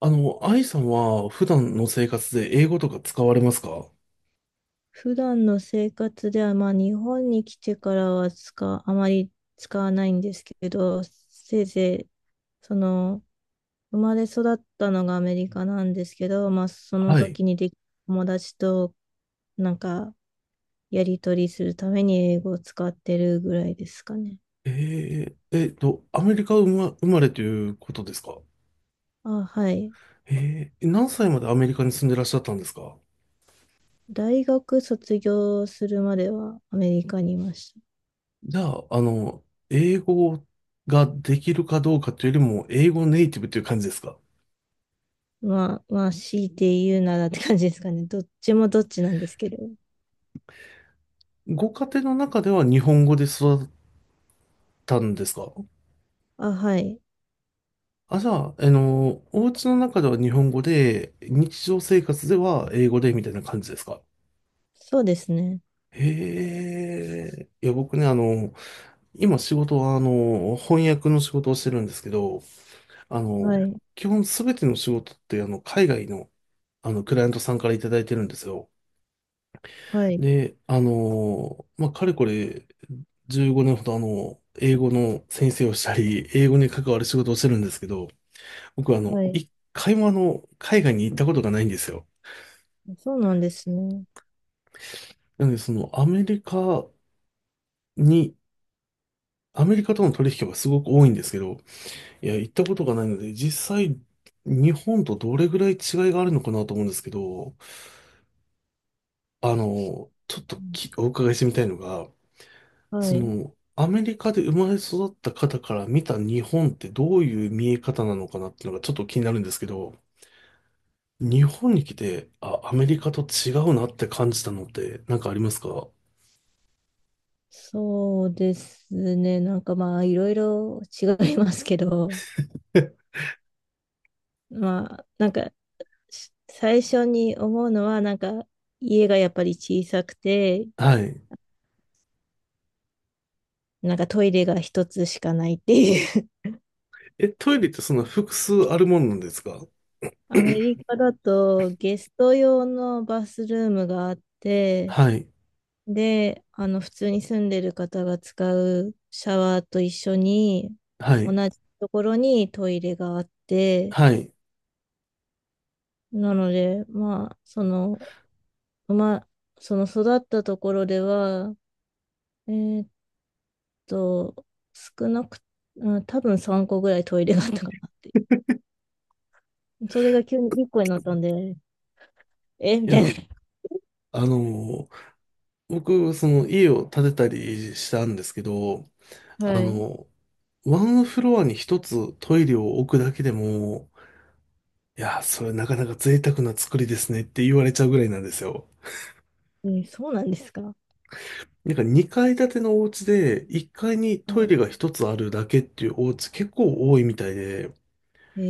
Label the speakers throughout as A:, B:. A: 愛さんは普段の生活で英語とか使われますか？
B: 普段の生活では、まあ、日本に来てからはあまり使わないんですけど、せいぜい、その、生まれ育ったのがアメリカなんですけど、まあ、その
A: はい。
B: 時に友達となんか、やり取りするために英語を使ってるぐらいですかね。
A: アメリカ生まれということですか？
B: あ、はい。
A: 何歳までアメリカに住んでらっしゃったんですか？
B: 大学卒業するまではアメリカにいました。
A: じゃあ、英語ができるかどうかというよりも、英語ネイティブという感じですか？
B: まあ、強いて言うならって感じですかね。どっちもどっちなんですけど。
A: ご家庭の中では日本語で育ったんですか？
B: あ、はい。
A: あ、じゃあ、お家の中では日本語で、日常生活では英語でみたいな感じですか？
B: そうですね。
A: へえ。いや、僕ね、今仕事は、翻訳の仕事をしてるんですけど、あ
B: は
A: の、
B: い、
A: 基本すべての仕事って、海外の、クライアントさんからいただいてるんですよ。
B: はい、
A: で、まあ、かれこれ15年ほど、英語の先生をしたり、英語に関わる仕事をしてるんですけど、僕は、
B: はい。
A: 一回も、海外に行ったことがないんですよ。
B: そうなんですね。
A: なので、に、アメリカとの取引はすごく多いんですけど、いや、行ったことがないので、実際、日本とどれぐらい違いがあるのかなと思うんですけど、ちょっ
B: う
A: と
B: ん
A: きお伺いしてみたいのが、
B: はい。
A: アメリカで生まれ育った方から見た日本ってどういう見え方なのかなっていうのがちょっと気になるんですけど、日本に来て、あ、アメリカと違うなって感じたのってなんかありますか？
B: そうですね。なんかまあ、いろいろ違いますけど、まあ、なんか、最初に思うのは、なんか、家がやっぱり小さくて、
A: はい。
B: なんかトイレが一つしかないっていう。
A: え、トイレってそんな複数あるものなんですか？
B: アメリカだとゲスト用のバスルームがあって、
A: はい。
B: で、あの、普通に住んでる方が使うシャワーと一緒に、
A: は
B: 同
A: い。
B: じところにトイレがあって、
A: はい。い
B: なので、まあ、その、まあ、その育ったところでは、えーっと、少なく、うん、多分3個ぐらいトイレがあったかなって。それが急に1個になったんで、えみた
A: や、
B: い
A: あの僕、その家を建てたりしたんですけど、
B: な。
A: あ
B: はい。
A: の、ワンフロアに一つトイレを置くだけでも、いや、それなかなか贅沢な作りですねって言われちゃうぐらいなんですよ。
B: そうなんですか。
A: なんか2階建てのお家で1階にトイレが一つあるだけっていうお家結構多いみたいで、
B: え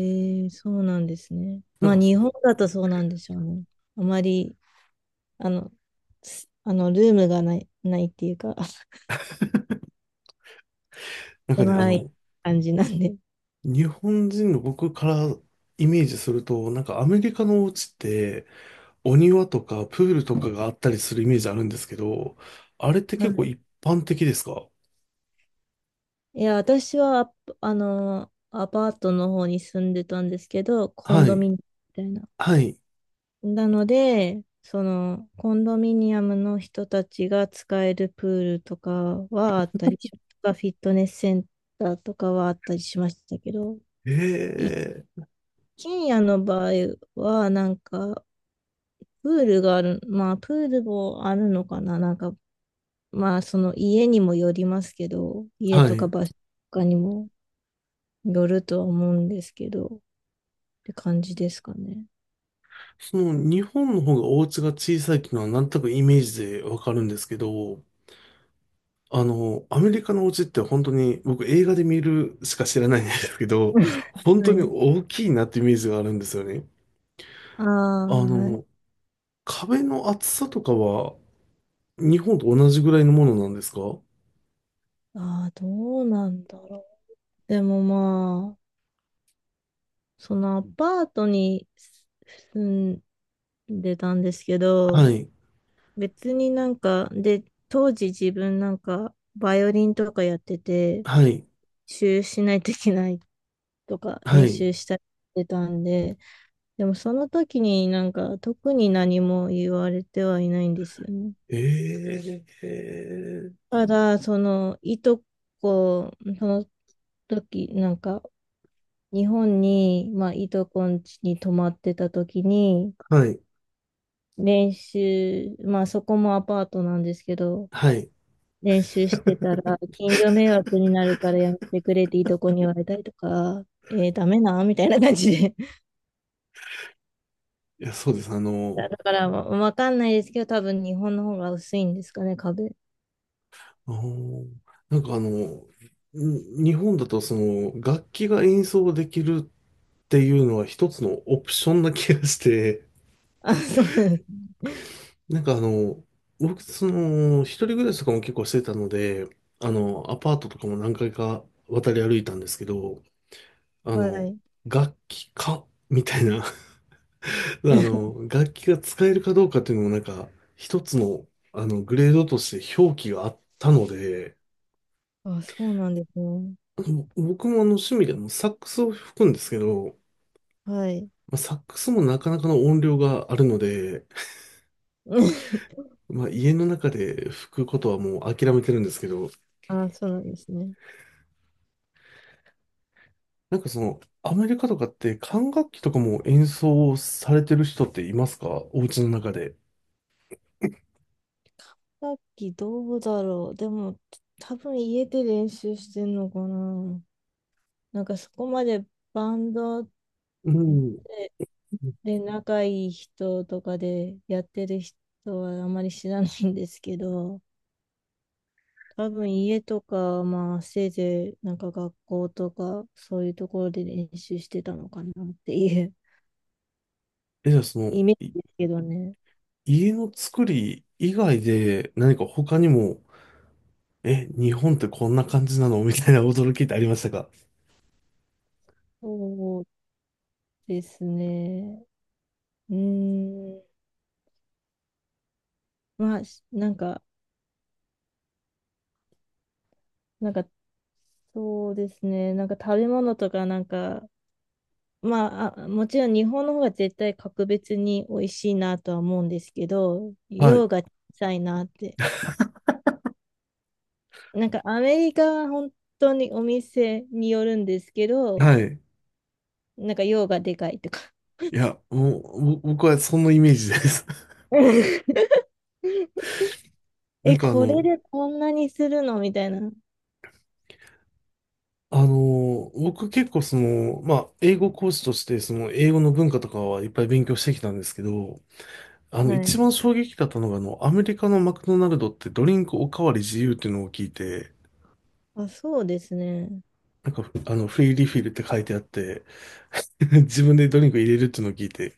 B: そうなんですね。
A: なん
B: まあ、
A: か
B: 日本だとそうなんでしょうね。あまりあの、すあの、ルームがない、っていうか、
A: なんかね、
B: 狭い感じなんで。
A: 日本人の僕からイメージすると、なんかアメリカのお家って、お庭とかプールとかがあったりするイメージあるんですけど、あれって
B: は
A: 結
B: い
A: 構一般的ですか？
B: いや、私はアパートの方に住んでたんですけど、コ
A: は
B: ンドミ
A: い。
B: ニアムみたいな。
A: はい。
B: なので、その、コンドミニアムの人たちが使えるプールとかはあったりし、とかフィットネスセンターとかはあったりしましたけど、一
A: ええ。
B: 軒家の場合は、なんか、プールがある、まあ、プールもあるのかな、なんか、まあ、その家にもよりますけど、家
A: は
B: とか
A: い。
B: 場所とかにもよるとは思うんですけど、って感じですかね。
A: その日本の方がお家が小さいっていうのはなんとなくイメージでわかるんですけど、アメリカのお家って本当に僕映画で見るしか知らないんですけど、本当
B: は
A: に
B: い。
A: 大きいなってイメージがあるんですよね。
B: ああ、
A: あ
B: はい。
A: の、壁の厚さとかは日本と同じぐらいのものなんですか？は
B: ああ、どうなんだろう。でもまあ、そのアパートに住んでたんですけど、
A: い。
B: 別になんか、で、当時自分なんか、バイオリンとかやってて、練
A: はい。
B: 習しないといけないとか、
A: は
B: 練
A: い。
B: 習したりしてたんで、でもその時になんか特に何も言われてはいないんですよね。
A: ええ、
B: ただ、そのいとこ、その時なんか日本に、まあ、いとこん家に泊まってた時に
A: はい、
B: 練習、まあそこもアパートなんですけど、
A: はい。
B: 練習してた ら近所迷惑になるからやめてくれっていとこに言われたりとか、ダメなみたいな感じで。
A: いや、そうです。
B: だからわかんないですけど、多分日本の方が薄いんですかね、壁。
A: あーなんか日本だとその楽器が演奏できるっていうのは一つのオプションな気がして、
B: あ、そうなんです
A: なんか僕、一人暮らしとかも結構してたので、アパートとかも何回か渡り歩いたんですけど、あ
B: は
A: の、
B: い。
A: 楽器かみたいな楽器が使えるかどうかっていうのもなんか、一つの、グレードとして表記があったので、
B: あ、そうなんですね。
A: ぼ僕も趣味でもサックスを吹くんですけど、
B: はい。
A: まあ、サックスもなかなかの音量があるので、まあ、家の中で吹くことはもう諦めてるんですけど、
B: あ、そうなんですね。
A: なんかアメリカとかって管楽器とかも演奏されてる人っていますか？お家の中で。
B: さっきどうだろう。でも、多分家で練習してんのかな。なんかそこまでバンド
A: うん。
B: で、で仲いい人とかでやってる人はあまり知らないんですけど、多分家とか、まあせいぜいなんか学校とかそういうところで練習してたのかなっていう
A: え、じゃあ
B: イメージですけどね。
A: 家の作り以外で何か他にも、え、日本ってこんな感じなの みたいな驚きってありましたか？
B: そうですね。うーん、まあ、なんか、そうですね、なんか食べ物とか、なんか、まあ、あ、もちろん日本の方が絶対格別に美味しいなとは思うんですけど、
A: はい。
B: 量が小さいなって。なんかアメリカは本当にお店によるんですけど、
A: はい。
B: なんか量がでかいとか。
A: いや、もう、僕はそのイメージです。な
B: え、
A: んか
B: これでこんなにするのみたいな。
A: あの僕結構まあ、英語講師として、その英語の文化とかはいっぱい勉強してきたんですけど、
B: は
A: 一
B: い。
A: 番衝撃だったのが、アメリカのマクドナルドってドリンクおかわり自由っていうのを聞いて、
B: あ、そうですね。
A: なんか、フリーリフィルって書いてあって、自分でドリンク入れるっていうのを聞いて、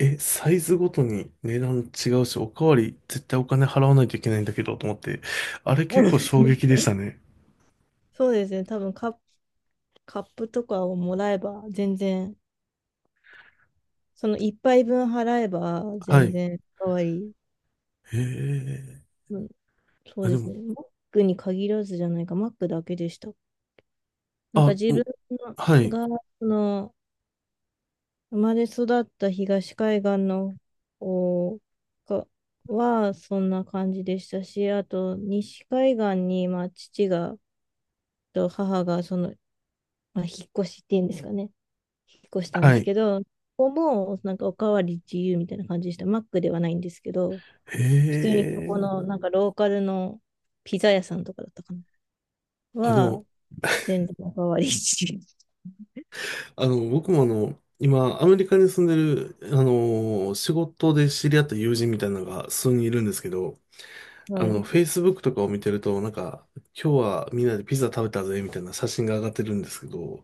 A: え、サイズごとに値段違うし、おかわり絶対お金払わないといけないんだけど、と思って、あれ結構 衝撃でしたね。
B: そうですね。多分カップとかをもらえば全然、その一杯分払えば
A: は
B: 全
A: い。
B: 然かわいい。
A: へえ。
B: うん、そう
A: あ、で
B: です
A: も、
B: ね。マックに限らずじゃないか、マックだけでした。なんか
A: あ、
B: 自分
A: おはい。
B: が、その、生まれ育った東海岸の方がはそんな感じでしたし、あと西海岸に、まあ、父がと母がその、まあ、引っ越しっていうんですかね、引っ越したんで
A: は
B: す
A: い。
B: けど、ここもなんかおかわり自由みたいな感じでした。マックではないんですけど、
A: へ
B: 普通にここ
A: え。
B: のなんかローカルのピザ屋さんとかだったかな。
A: あ、で
B: は、
A: も、
B: 全然おかわり自由。
A: 僕も今、アメリカに住んでる、仕事で知り合った友人みたいなのが数人いるんですけど、
B: はい。
A: Facebook とかを見てると、なんか、今日はみんなでピザ食べたぜ、みたいな写真が上がってるんですけど、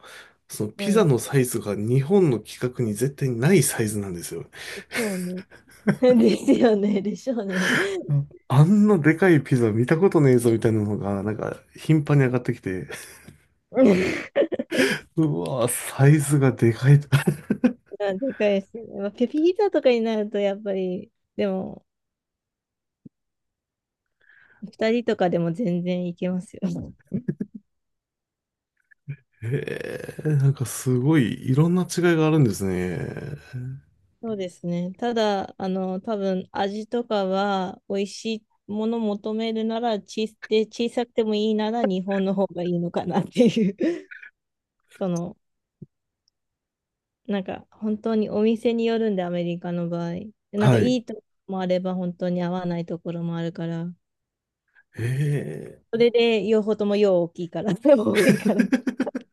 A: その
B: は
A: ピザ
B: い。
A: のサイズが日本の規格に絶対ないサイズなんですよ。
B: でしょうね。ですよね。でしょうね。
A: うん、あんなでかいピザ見たことねえぞ、みたいなのが、なんか、頻繁に上がってきて、うわぁ、サイズがでかいと
B: あでかいですね。まあ、ピーザとかになるとやっぱり、でも、二人とかでも全然いけますよ。
A: へえ、なんかすごい、いろんな違いがあるんですね。
B: そうですね。ただ、あの、多分味とかは美味しいもの求めるなら、で、小さくてもいいなら日本の方がいいのかなっていう。その、なんか本当にお店によるんで、アメリカの場合。なんか
A: は
B: い
A: い。
B: いとこもあれば本当に合わないところもあるから、
A: へえ。
B: それで両方とも量大きいから、多いから。